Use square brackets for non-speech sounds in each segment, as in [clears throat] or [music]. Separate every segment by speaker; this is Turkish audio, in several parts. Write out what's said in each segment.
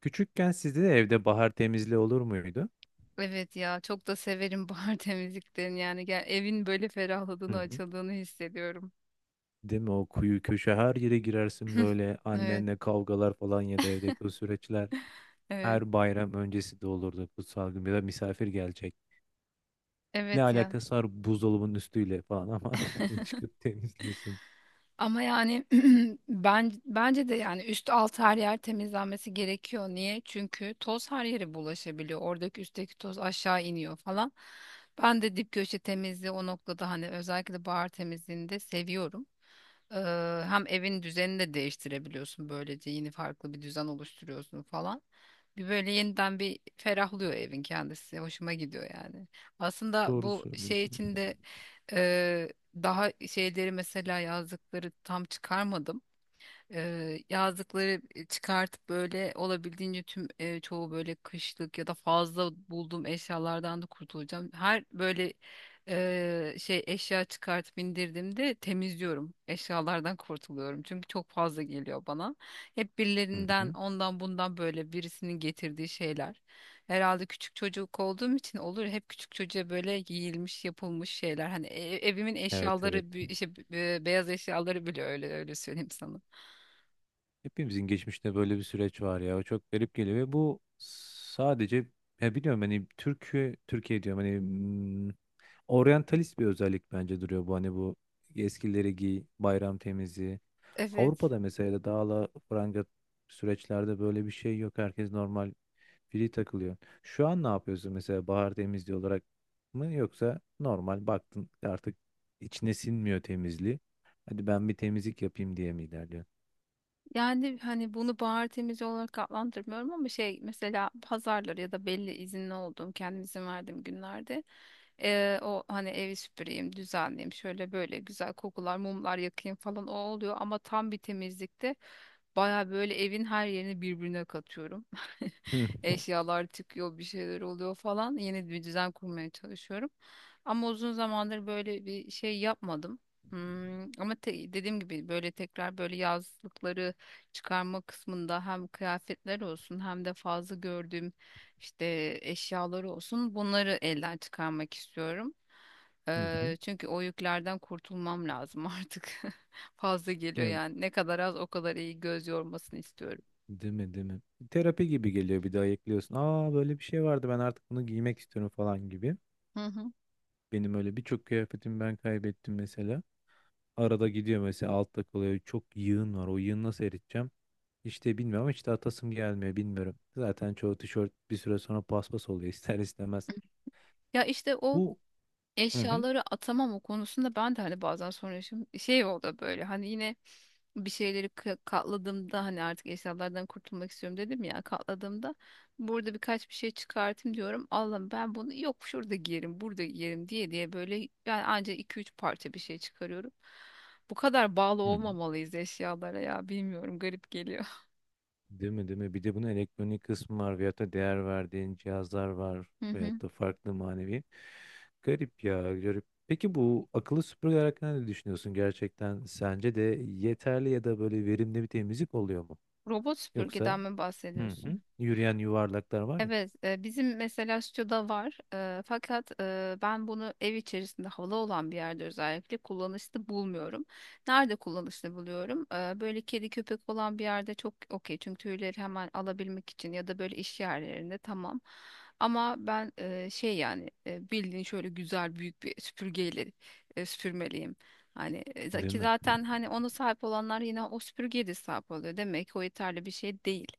Speaker 1: Küçükken sizde de evde bahar temizliği olur muydu?
Speaker 2: Evet ya çok da severim [laughs] bahar temizliklerini yani gel, evin böyle
Speaker 1: Hı
Speaker 2: ferahladığını
Speaker 1: hı.
Speaker 2: açıldığını hissediyorum.
Speaker 1: Değil mi? O kuyu köşe her yere girersin
Speaker 2: [clears throat]
Speaker 1: böyle
Speaker 2: Evet
Speaker 1: annenle kavgalar falan ya da evdeki o süreçler
Speaker 2: evet
Speaker 1: her bayram öncesi de olurdu, kutsal gün ya da misafir gelecek. Ne
Speaker 2: evet ya
Speaker 1: alakası var buzdolabının üstüyle falan ama [laughs] çıkıp temizliyorsun.
Speaker 2: ama yani [clears throat] bence de yani üst alt her yer temizlenmesi gerekiyor. Niye? Çünkü toz her yere bulaşabiliyor. Oradaki üstteki toz aşağı iniyor falan. Ben de dip köşe temizliği o noktada hani özellikle bahar temizliğini de seviyorum. Hem evin düzenini de değiştirebiliyorsun, böylece yeni farklı bir düzen oluşturuyorsun falan. Bir böyle yeniden bir ferahlıyor evin kendisi. Hoşuma gidiyor yani. Aslında
Speaker 1: Doğru
Speaker 2: bu şey
Speaker 1: söylüyorsun.
Speaker 2: içinde daha şeyleri mesela yazdıkları tam çıkarmadım, yazdıkları çıkartıp böyle olabildiğince tüm çoğu böyle kışlık ya da fazla bulduğum eşyalardan da kurtulacağım. Her böyle şey eşya çıkartıp indirdiğimde temizliyorum. Eşyalardan kurtuluyorum. Çünkü çok fazla geliyor bana. Hep
Speaker 1: Hı
Speaker 2: birilerinden
Speaker 1: hı.
Speaker 2: ondan bundan böyle birisinin getirdiği şeyler. Herhalde küçük çocuk olduğum için olur. Hep küçük çocuğa böyle giyilmiş, yapılmış şeyler. Hani evimin
Speaker 1: Evet
Speaker 2: eşyaları,
Speaker 1: evet.
Speaker 2: işte beyaz eşyaları bile öyle öyle söyleyeyim sana.
Speaker 1: Hepimizin geçmişte böyle bir süreç var ya. O çok garip geliyor ve bu sadece ya, biliyorum, hani Türkiye Türkiye diyorum, hani oryantalist bir özellik bence duruyor bu, hani bu eskileri giy, bayram temizliği.
Speaker 2: Evet.
Speaker 1: Avrupa'da mesela dağla la süreçlerde böyle bir şey yok. Herkes normal free takılıyor. Şu an ne yapıyorsun mesela, bahar temizliği olarak mı yoksa normal baktın artık içine sinmiyor temizliği, hadi ben bir temizlik yapayım diye mi ilerliyorsun?
Speaker 2: Yani hani bunu bahar temizliği olarak adlandırmıyorum, ama şey mesela pazarları ya da belli izinli olduğum, kendim izin verdiğim günlerde o hani evi süpüreyim düzenleyeyim, şöyle böyle güzel kokular mumlar yakayım falan, o oluyor. Ama tam bir temizlikte baya böyle evin her yerini birbirine katıyorum. [laughs]
Speaker 1: Hı
Speaker 2: Eşyalar çıkıyor, bir şeyler oluyor falan. Yeni bir düzen kurmaya çalışıyorum. Ama uzun zamandır böyle bir şey yapmadım. Hmm, ama dediğim gibi böyle tekrar böyle yazlıkları çıkarma kısmında hem kıyafetler olsun, hem de fazla gördüğüm işte eşyaları olsun, bunları elden çıkarmak istiyorum.
Speaker 1: hı. Hı.
Speaker 2: Çünkü o yüklerden kurtulmam lazım artık. [laughs] Fazla geliyor
Speaker 1: Ne,
Speaker 2: yani. Ne kadar az o kadar iyi, göz yormasını istiyorum.
Speaker 1: değil mi, değil mi? Terapi gibi geliyor, bir daha ekliyorsun. Aa, böyle bir şey vardı, ben artık bunu giymek istiyorum falan gibi.
Speaker 2: Hı hı.
Speaker 1: Benim öyle birçok kıyafetimi ben kaybettim mesela. Arada gidiyor mesela, altta kalıyor. Çok yığın var. O yığını nasıl eriteceğim? İşte bilmiyorum ama işte atasım gelmiyor, bilmiyorum. Zaten çoğu tişört bir süre sonra paspas oluyor [laughs] ister istemez.
Speaker 2: Ya işte o
Speaker 1: Bu hı hı.
Speaker 2: eşyaları atamam, o konusunda ben de hani bazen sonra yaşım şey oldu böyle hani yine bir şeyleri katladığımda, hani artık eşyalardan kurtulmak istiyorum dedim ya, katladığımda burada birkaç bir şey çıkartayım diyorum, Allah'ım ben bunu yok şurada giyerim burada giyerim diye diye böyle yani ancak iki üç parça bir şey çıkarıyorum. Bu kadar bağlı
Speaker 1: Hı hı.
Speaker 2: olmamalıyız eşyalara ya, bilmiyorum, garip geliyor.
Speaker 1: Değil mi, değil mi? Bir de bunun elektronik kısmı var, veyahut da değer verdiğin cihazlar var
Speaker 2: [laughs]
Speaker 1: veyahut da farklı manevi. Garip ya, garip. Peki, bu akıllı süpürgeler hakkında ne düşünüyorsun gerçekten? Sence de yeterli ya da böyle verimli bir temizlik oluyor mu?
Speaker 2: Robot
Speaker 1: Yoksa
Speaker 2: süpürgeden mi
Speaker 1: hı
Speaker 2: bahsediyorsun?
Speaker 1: hı. Yürüyen yuvarlaklar var ya.
Speaker 2: Evet, bizim mesela stüdyoda var. Fakat ben bunu ev içerisinde havalı olan bir yerde özellikle kullanışlı bulmuyorum. Nerede kullanışlı buluyorum? Böyle kedi köpek olan bir yerde çok okey. Çünkü tüyleri hemen alabilmek için, ya da böyle iş yerlerinde, tamam. Ama ben şey yani bildiğin şöyle güzel büyük bir süpürgeyle süpürmeliyim. Hani e, za-
Speaker 1: Değil
Speaker 2: ki
Speaker 1: mi?
Speaker 2: zaten hani ona sahip olanlar yine o süpürgeye de sahip oluyor. Demek ki o yeterli bir şey değil.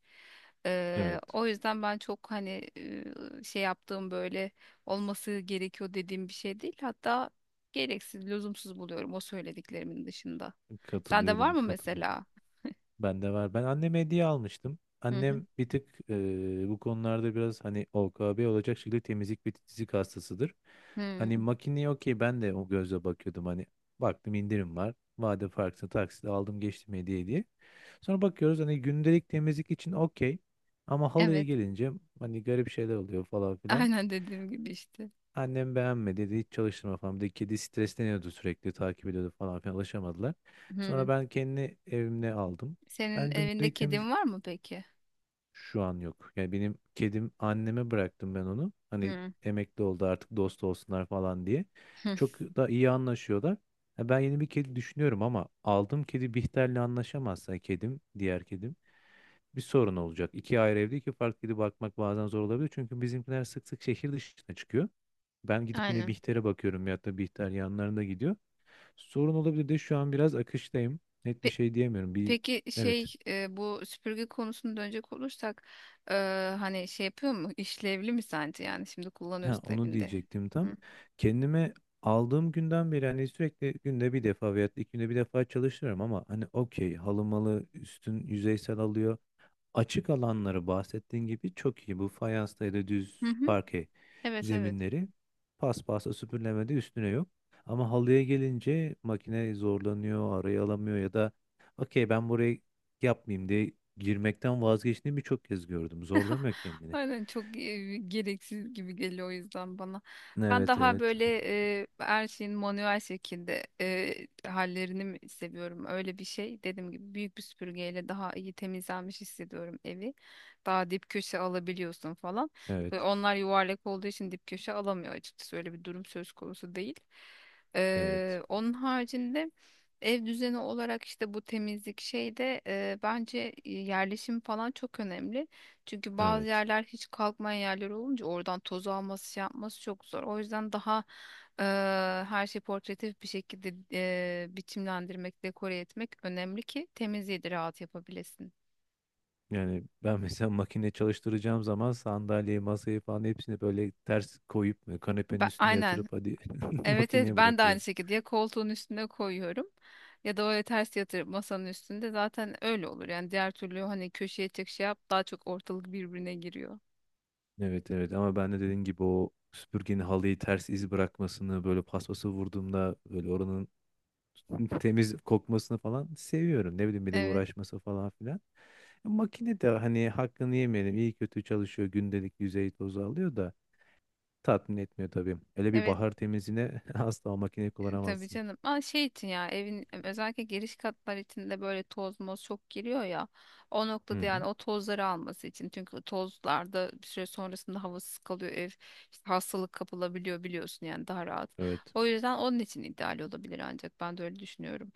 Speaker 1: Evet.
Speaker 2: O yüzden ben çok hani eee, şey yaptığım böyle olması gerekiyor dediğim bir şey değil. Hatta gereksiz, lüzumsuz buluyorum o söylediklerimin dışında. Sende var
Speaker 1: Katılıyorum,
Speaker 2: mı
Speaker 1: katılıyorum.
Speaker 2: mesela?
Speaker 1: Ben de var. Ben anneme hediye almıştım.
Speaker 2: Hı hı.
Speaker 1: Annem bir tık bu konularda biraz hani OKB olacak şekilde temizlik ve titizlik hastasıdır.
Speaker 2: Hı.
Speaker 1: Hani makineye okey, ben de o gözle bakıyordum, hani baktım indirim var. Vade farkını taksit aldım, geçtim hediye diye. Sonra bakıyoruz, hani gündelik temizlik için okey. Ama halıya
Speaker 2: Evet.
Speaker 1: gelince hani garip şeyler oluyor falan
Speaker 2: [laughs]
Speaker 1: filan.
Speaker 2: Aynen dediğim gibi işte.
Speaker 1: Annem beğenmedi, dedi hiç çalıştırma falan. Bir de kedi stresleniyordu, sürekli takip ediyordu falan filan, alışamadılar. Sonra
Speaker 2: Hı.
Speaker 1: ben kendi evimde aldım.
Speaker 2: Senin
Speaker 1: Ben
Speaker 2: evinde
Speaker 1: gündelik temizlik
Speaker 2: kedin var mı peki?
Speaker 1: şu an yok. Yani benim kedim, anneme bıraktım ben onu. Hani
Speaker 2: Hı.
Speaker 1: emekli oldu artık, dost olsunlar falan diye.
Speaker 2: Hı.
Speaker 1: Çok da iyi anlaşıyorlar. Ya ben yeni bir kedi düşünüyorum ama aldığım kedi Bihter'le anlaşamazsa, kedim, diğer kedim, bir sorun olacak. İki ayrı evde iki farklı kedi bakmak bazen zor olabilir. Çünkü bizimkiler sık sık şehir dışına çıkıyor. Ben gidip yine
Speaker 2: Aynen.
Speaker 1: Bihter'e bakıyorum ya da Bihter yanlarında gidiyor. Sorun olabilir de şu an biraz akıştayım. Net bir
Speaker 2: Pe-
Speaker 1: şey diyemiyorum. Bir
Speaker 2: Peki
Speaker 1: evet.
Speaker 2: şey bu süpürge konusuna dönecek olursak e, hani şey yapıyor mu, işlevli mi sence, yani şimdi
Speaker 1: Ha,
Speaker 2: kullanıyorsun
Speaker 1: onu
Speaker 2: evinde?
Speaker 1: diyecektim tam.
Speaker 2: Hı.
Speaker 1: Kendime aldığım günden beri hani sürekli günde bir defa veya iki günde bir defa çalışıyorum ama hani okey, halımalı üstün yüzeysel alıyor. Açık alanları, bahsettiğin gibi, çok iyi. Bu fayanstaydı,
Speaker 2: Hı
Speaker 1: düz
Speaker 2: hı.
Speaker 1: parke
Speaker 2: Evet evet.
Speaker 1: zeminleri. Paspasla süpürlemede üstüne yok. Ama halıya gelince makine zorlanıyor, arayı alamıyor ya da okey ben burayı yapmayayım diye girmekten vazgeçtiğini birçok kez gördüm. Zorlamıyor kendini.
Speaker 2: Aynen, çok gereksiz gibi geliyor o yüzden bana. Ben
Speaker 1: Evet
Speaker 2: daha
Speaker 1: evet.
Speaker 2: böyle her şeyin manuel şekilde hallerini mi seviyorum. Öyle bir şey, dediğim gibi büyük bir süpürgeyle daha iyi temizlenmiş hissediyorum evi. Daha dip köşe alabiliyorsun falan. Ve
Speaker 1: Evet,
Speaker 2: onlar yuvarlak olduğu için dip köşe alamıyor açıkçası. Öyle bir durum söz konusu değil.
Speaker 1: evet,
Speaker 2: Onun haricinde ev düzeni olarak işte bu temizlik şeyde bence yerleşim falan çok önemli. Çünkü bazı
Speaker 1: evet.
Speaker 2: yerler hiç kalkmayan yerler olunca oradan tozu alması şey yapması çok zor. O yüzden daha eee, her şeyi portatif bir şekilde biçimlendirmek, dekore etmek önemli ki temizliği de rahat yapabilesin.
Speaker 1: Yani ben mesela makine çalıştıracağım zaman sandalyeyi, masayı falan hepsini böyle ters koyup kanepenin
Speaker 2: Ben,
Speaker 1: üstüne yatırıp
Speaker 2: aynen.
Speaker 1: hadi [laughs]
Speaker 2: Evet evet,
Speaker 1: makineye
Speaker 2: ben de aynı
Speaker 1: bırakıyorum.
Speaker 2: şekilde ya koltuğun üstüne koyuyorum ya da öyle ters yatırıp masanın üstünde, zaten öyle olur. Yani diğer türlü hani köşeye çek şey yap, daha çok ortalık birbirine giriyor.
Speaker 1: Evet evet, ama ben de dediğin gibi o süpürgenin halıyı ters iz bırakmasını, böyle paspası vurduğumda böyle oranın [laughs] temiz kokmasını falan seviyorum. Ne bileyim, bir de
Speaker 2: Evet.
Speaker 1: uğraşması falan filan. E, makine de hani hakkını yemeyelim, iyi kötü çalışıyor, gündelik yüzey tozu alıyor da tatmin etmiyor tabii. Öyle bir
Speaker 2: Evet.
Speaker 1: bahar temizliğine [laughs] asla o makineyi
Speaker 2: Tabii
Speaker 1: kullanamazsın.
Speaker 2: canım. Ama şey için ya evin özellikle giriş katlar içinde böyle toz moz çok giriyor ya. O
Speaker 1: Hı
Speaker 2: noktada yani
Speaker 1: hı.
Speaker 2: o tozları alması için. Çünkü tozlarda bir süre sonrasında havasız kalıyor ev. İşte hastalık kapılabiliyor biliyorsun, yani daha rahat.
Speaker 1: Evet.
Speaker 2: O yüzden onun için ideal olabilir, ancak ben de öyle düşünüyorum.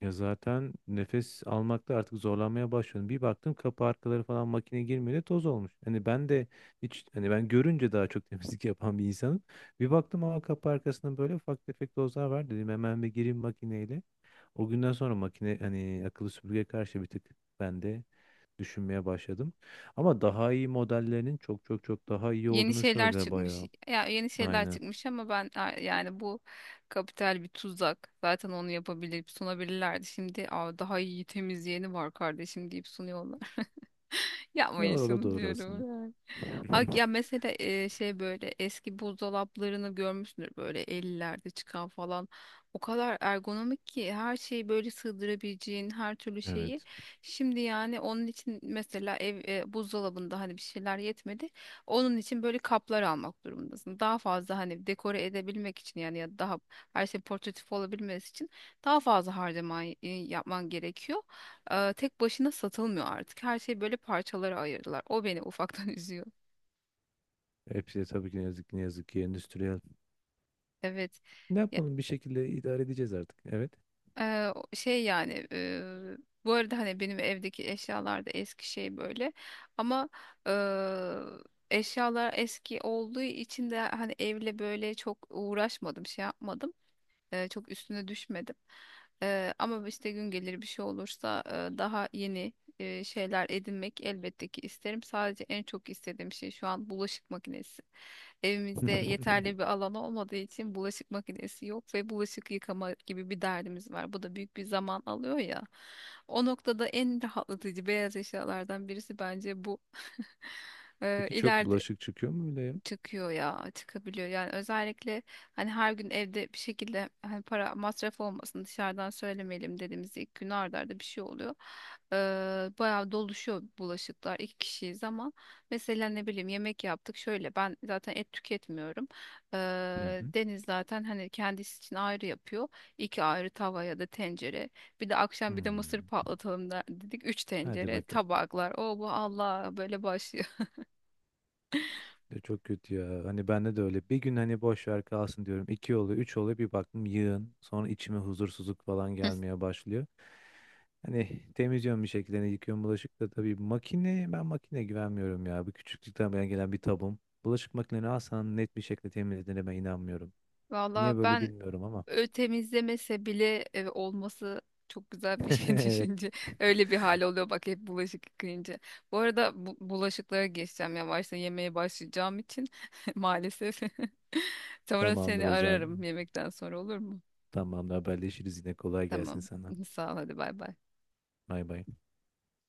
Speaker 1: Ya zaten nefes almakta artık zorlanmaya başladım. Bir baktım kapı arkaları falan makine girmedi, toz olmuş. Hani ben de hiç hani ben görünce daha çok [laughs] temizlik yapan bir insanım. Bir baktım ama kapı arkasında böyle ufak tefek tozlar var, dedim hemen bir gireyim makineyle. O günden sonra makine, hani akıllı süpürgeye karşı, bir tık ben de düşünmeye başladım. Ama daha iyi modellerinin çok çok çok daha iyi
Speaker 2: Yeni
Speaker 1: olduğunu
Speaker 2: şeyler
Speaker 1: söylediler
Speaker 2: çıkmış.
Speaker 1: bayağı.
Speaker 2: Ya yeni şeyler
Speaker 1: Aynen.
Speaker 2: çıkmış ama ben yani bu kapital bir tuzak. Zaten onu yapabilir, sunabilirlerdi. Şimdi aa, daha iyi temizleyeni var kardeşim deyip sunuyorlar. Yapmayın
Speaker 1: Doğru, o da
Speaker 2: şunu
Speaker 1: doğru aslında.
Speaker 2: diyorum yani. Ak
Speaker 1: [laughs]
Speaker 2: ya mesela şey, böyle eski buzdolaplarını görmüşsündür böyle 50'lerde çıkan falan. O kadar ergonomik ki her şeyi böyle sığdırabileceğin, her türlü şeyi.
Speaker 1: Evet.
Speaker 2: Şimdi yani onun için mesela ev buzdolabında hani bir şeyler yetmedi. Onun için böyle kaplar almak durumundasın. Daha fazla hani dekore edebilmek için yani, ya da daha her şey portatif olabilmesi için daha fazla harcama yapman gerekiyor. Tek başına satılmıyor artık. Her şey böyle parçalara ayırdılar. O beni ufaktan [laughs] üzüyor.
Speaker 1: Hepsi de tabii ki ne yazık ki, ne yazık ki endüstriyel.
Speaker 2: Evet.
Speaker 1: Ne
Speaker 2: Ya,
Speaker 1: yapalım, bir şekilde idare edeceğiz artık. Evet.
Speaker 2: eee, o- şey yani eee, bu arada hani benim evdeki eşyalar da eski şey böyle. Ama eee, eşyalar eski olduğu için de hani evle böyle çok uğraşmadım, şey yapmadım. Çok üstüne düşmedim. Ama işte gün gelir, bir şey olursa daha yeni şeyler edinmek elbette ki isterim. Sadece en çok istediğim şey şu an bulaşık makinesi. Evimizde
Speaker 1: [laughs]
Speaker 2: yeterli bir alan olmadığı için bulaşık makinesi yok ve bulaşık yıkama gibi bir derdimiz var. Bu da büyük bir zaman alıyor ya. O noktada en rahatlatıcı beyaz eşyalardan birisi bence bu. [laughs]
Speaker 1: Peki çok
Speaker 2: İleride
Speaker 1: bulaşık çıkıyor mu öyle ya?
Speaker 2: çıkıyor ya, çıkabiliyor yani, özellikle hani her gün evde bir şekilde hani para masraf olmasın, dışarıdan söylemeyelim dediğimiz ilk gün arda arda bir şey oluyor. Ee, Bayağı doluşuyor bulaşıklar, iki kişiyiz ama mesela ne bileyim yemek yaptık şöyle, ben zaten et tüketmiyorum.
Speaker 1: Hı hı.
Speaker 2: Deniz zaten hani kendisi için ayrı yapıyor, iki ayrı tava ya da tencere, bir de akşam bir de mısır
Speaker 1: Hmm.
Speaker 2: patlatalım da dedik, üç
Speaker 1: Hadi
Speaker 2: tencere
Speaker 1: bakalım.
Speaker 2: tabaklar o bu Allah böyle başlıyor.
Speaker 1: Ya çok kötü ya. Hani bende de öyle. Bir gün hani boş ver kalsın diyorum. İki oluyor, üç oluyor. Bir baktım yığın. Sonra içime huzursuzluk falan
Speaker 2: [laughs]
Speaker 1: gelmeye başlıyor. Hani temizliyorum bir şekilde. Hani yıkıyorum bulaşık da tabii. Makine, ben makine güvenmiyorum ya. Bu küçüklükten beri gelen bir tabum. Bulaşık makineni alsan net bir şekilde temizlediğine ben inanmıyorum. Niye
Speaker 2: Valla
Speaker 1: böyle
Speaker 2: ben
Speaker 1: bilmiyorum ama.
Speaker 2: Temizlemese bile olması çok güzel bir şey [laughs]
Speaker 1: [laughs] Evet,
Speaker 2: düşünce. Öyle bir hal oluyor bak hep bulaşık yıkayınca. Bu arada bu, bulaşıklara geçeceğim, yavaştan yemeğe başlayacağım için [laughs] maalesef. [laughs] Sonra
Speaker 1: tamamdır
Speaker 2: seni
Speaker 1: o zaman.
Speaker 2: ararım yemekten sonra, olur mu?
Speaker 1: Tamam, haberleşiriz yine, kolay gelsin
Speaker 2: Tamam.
Speaker 1: sana.
Speaker 2: [laughs] Sağ ol, hadi bay bay.
Speaker 1: Bay bay.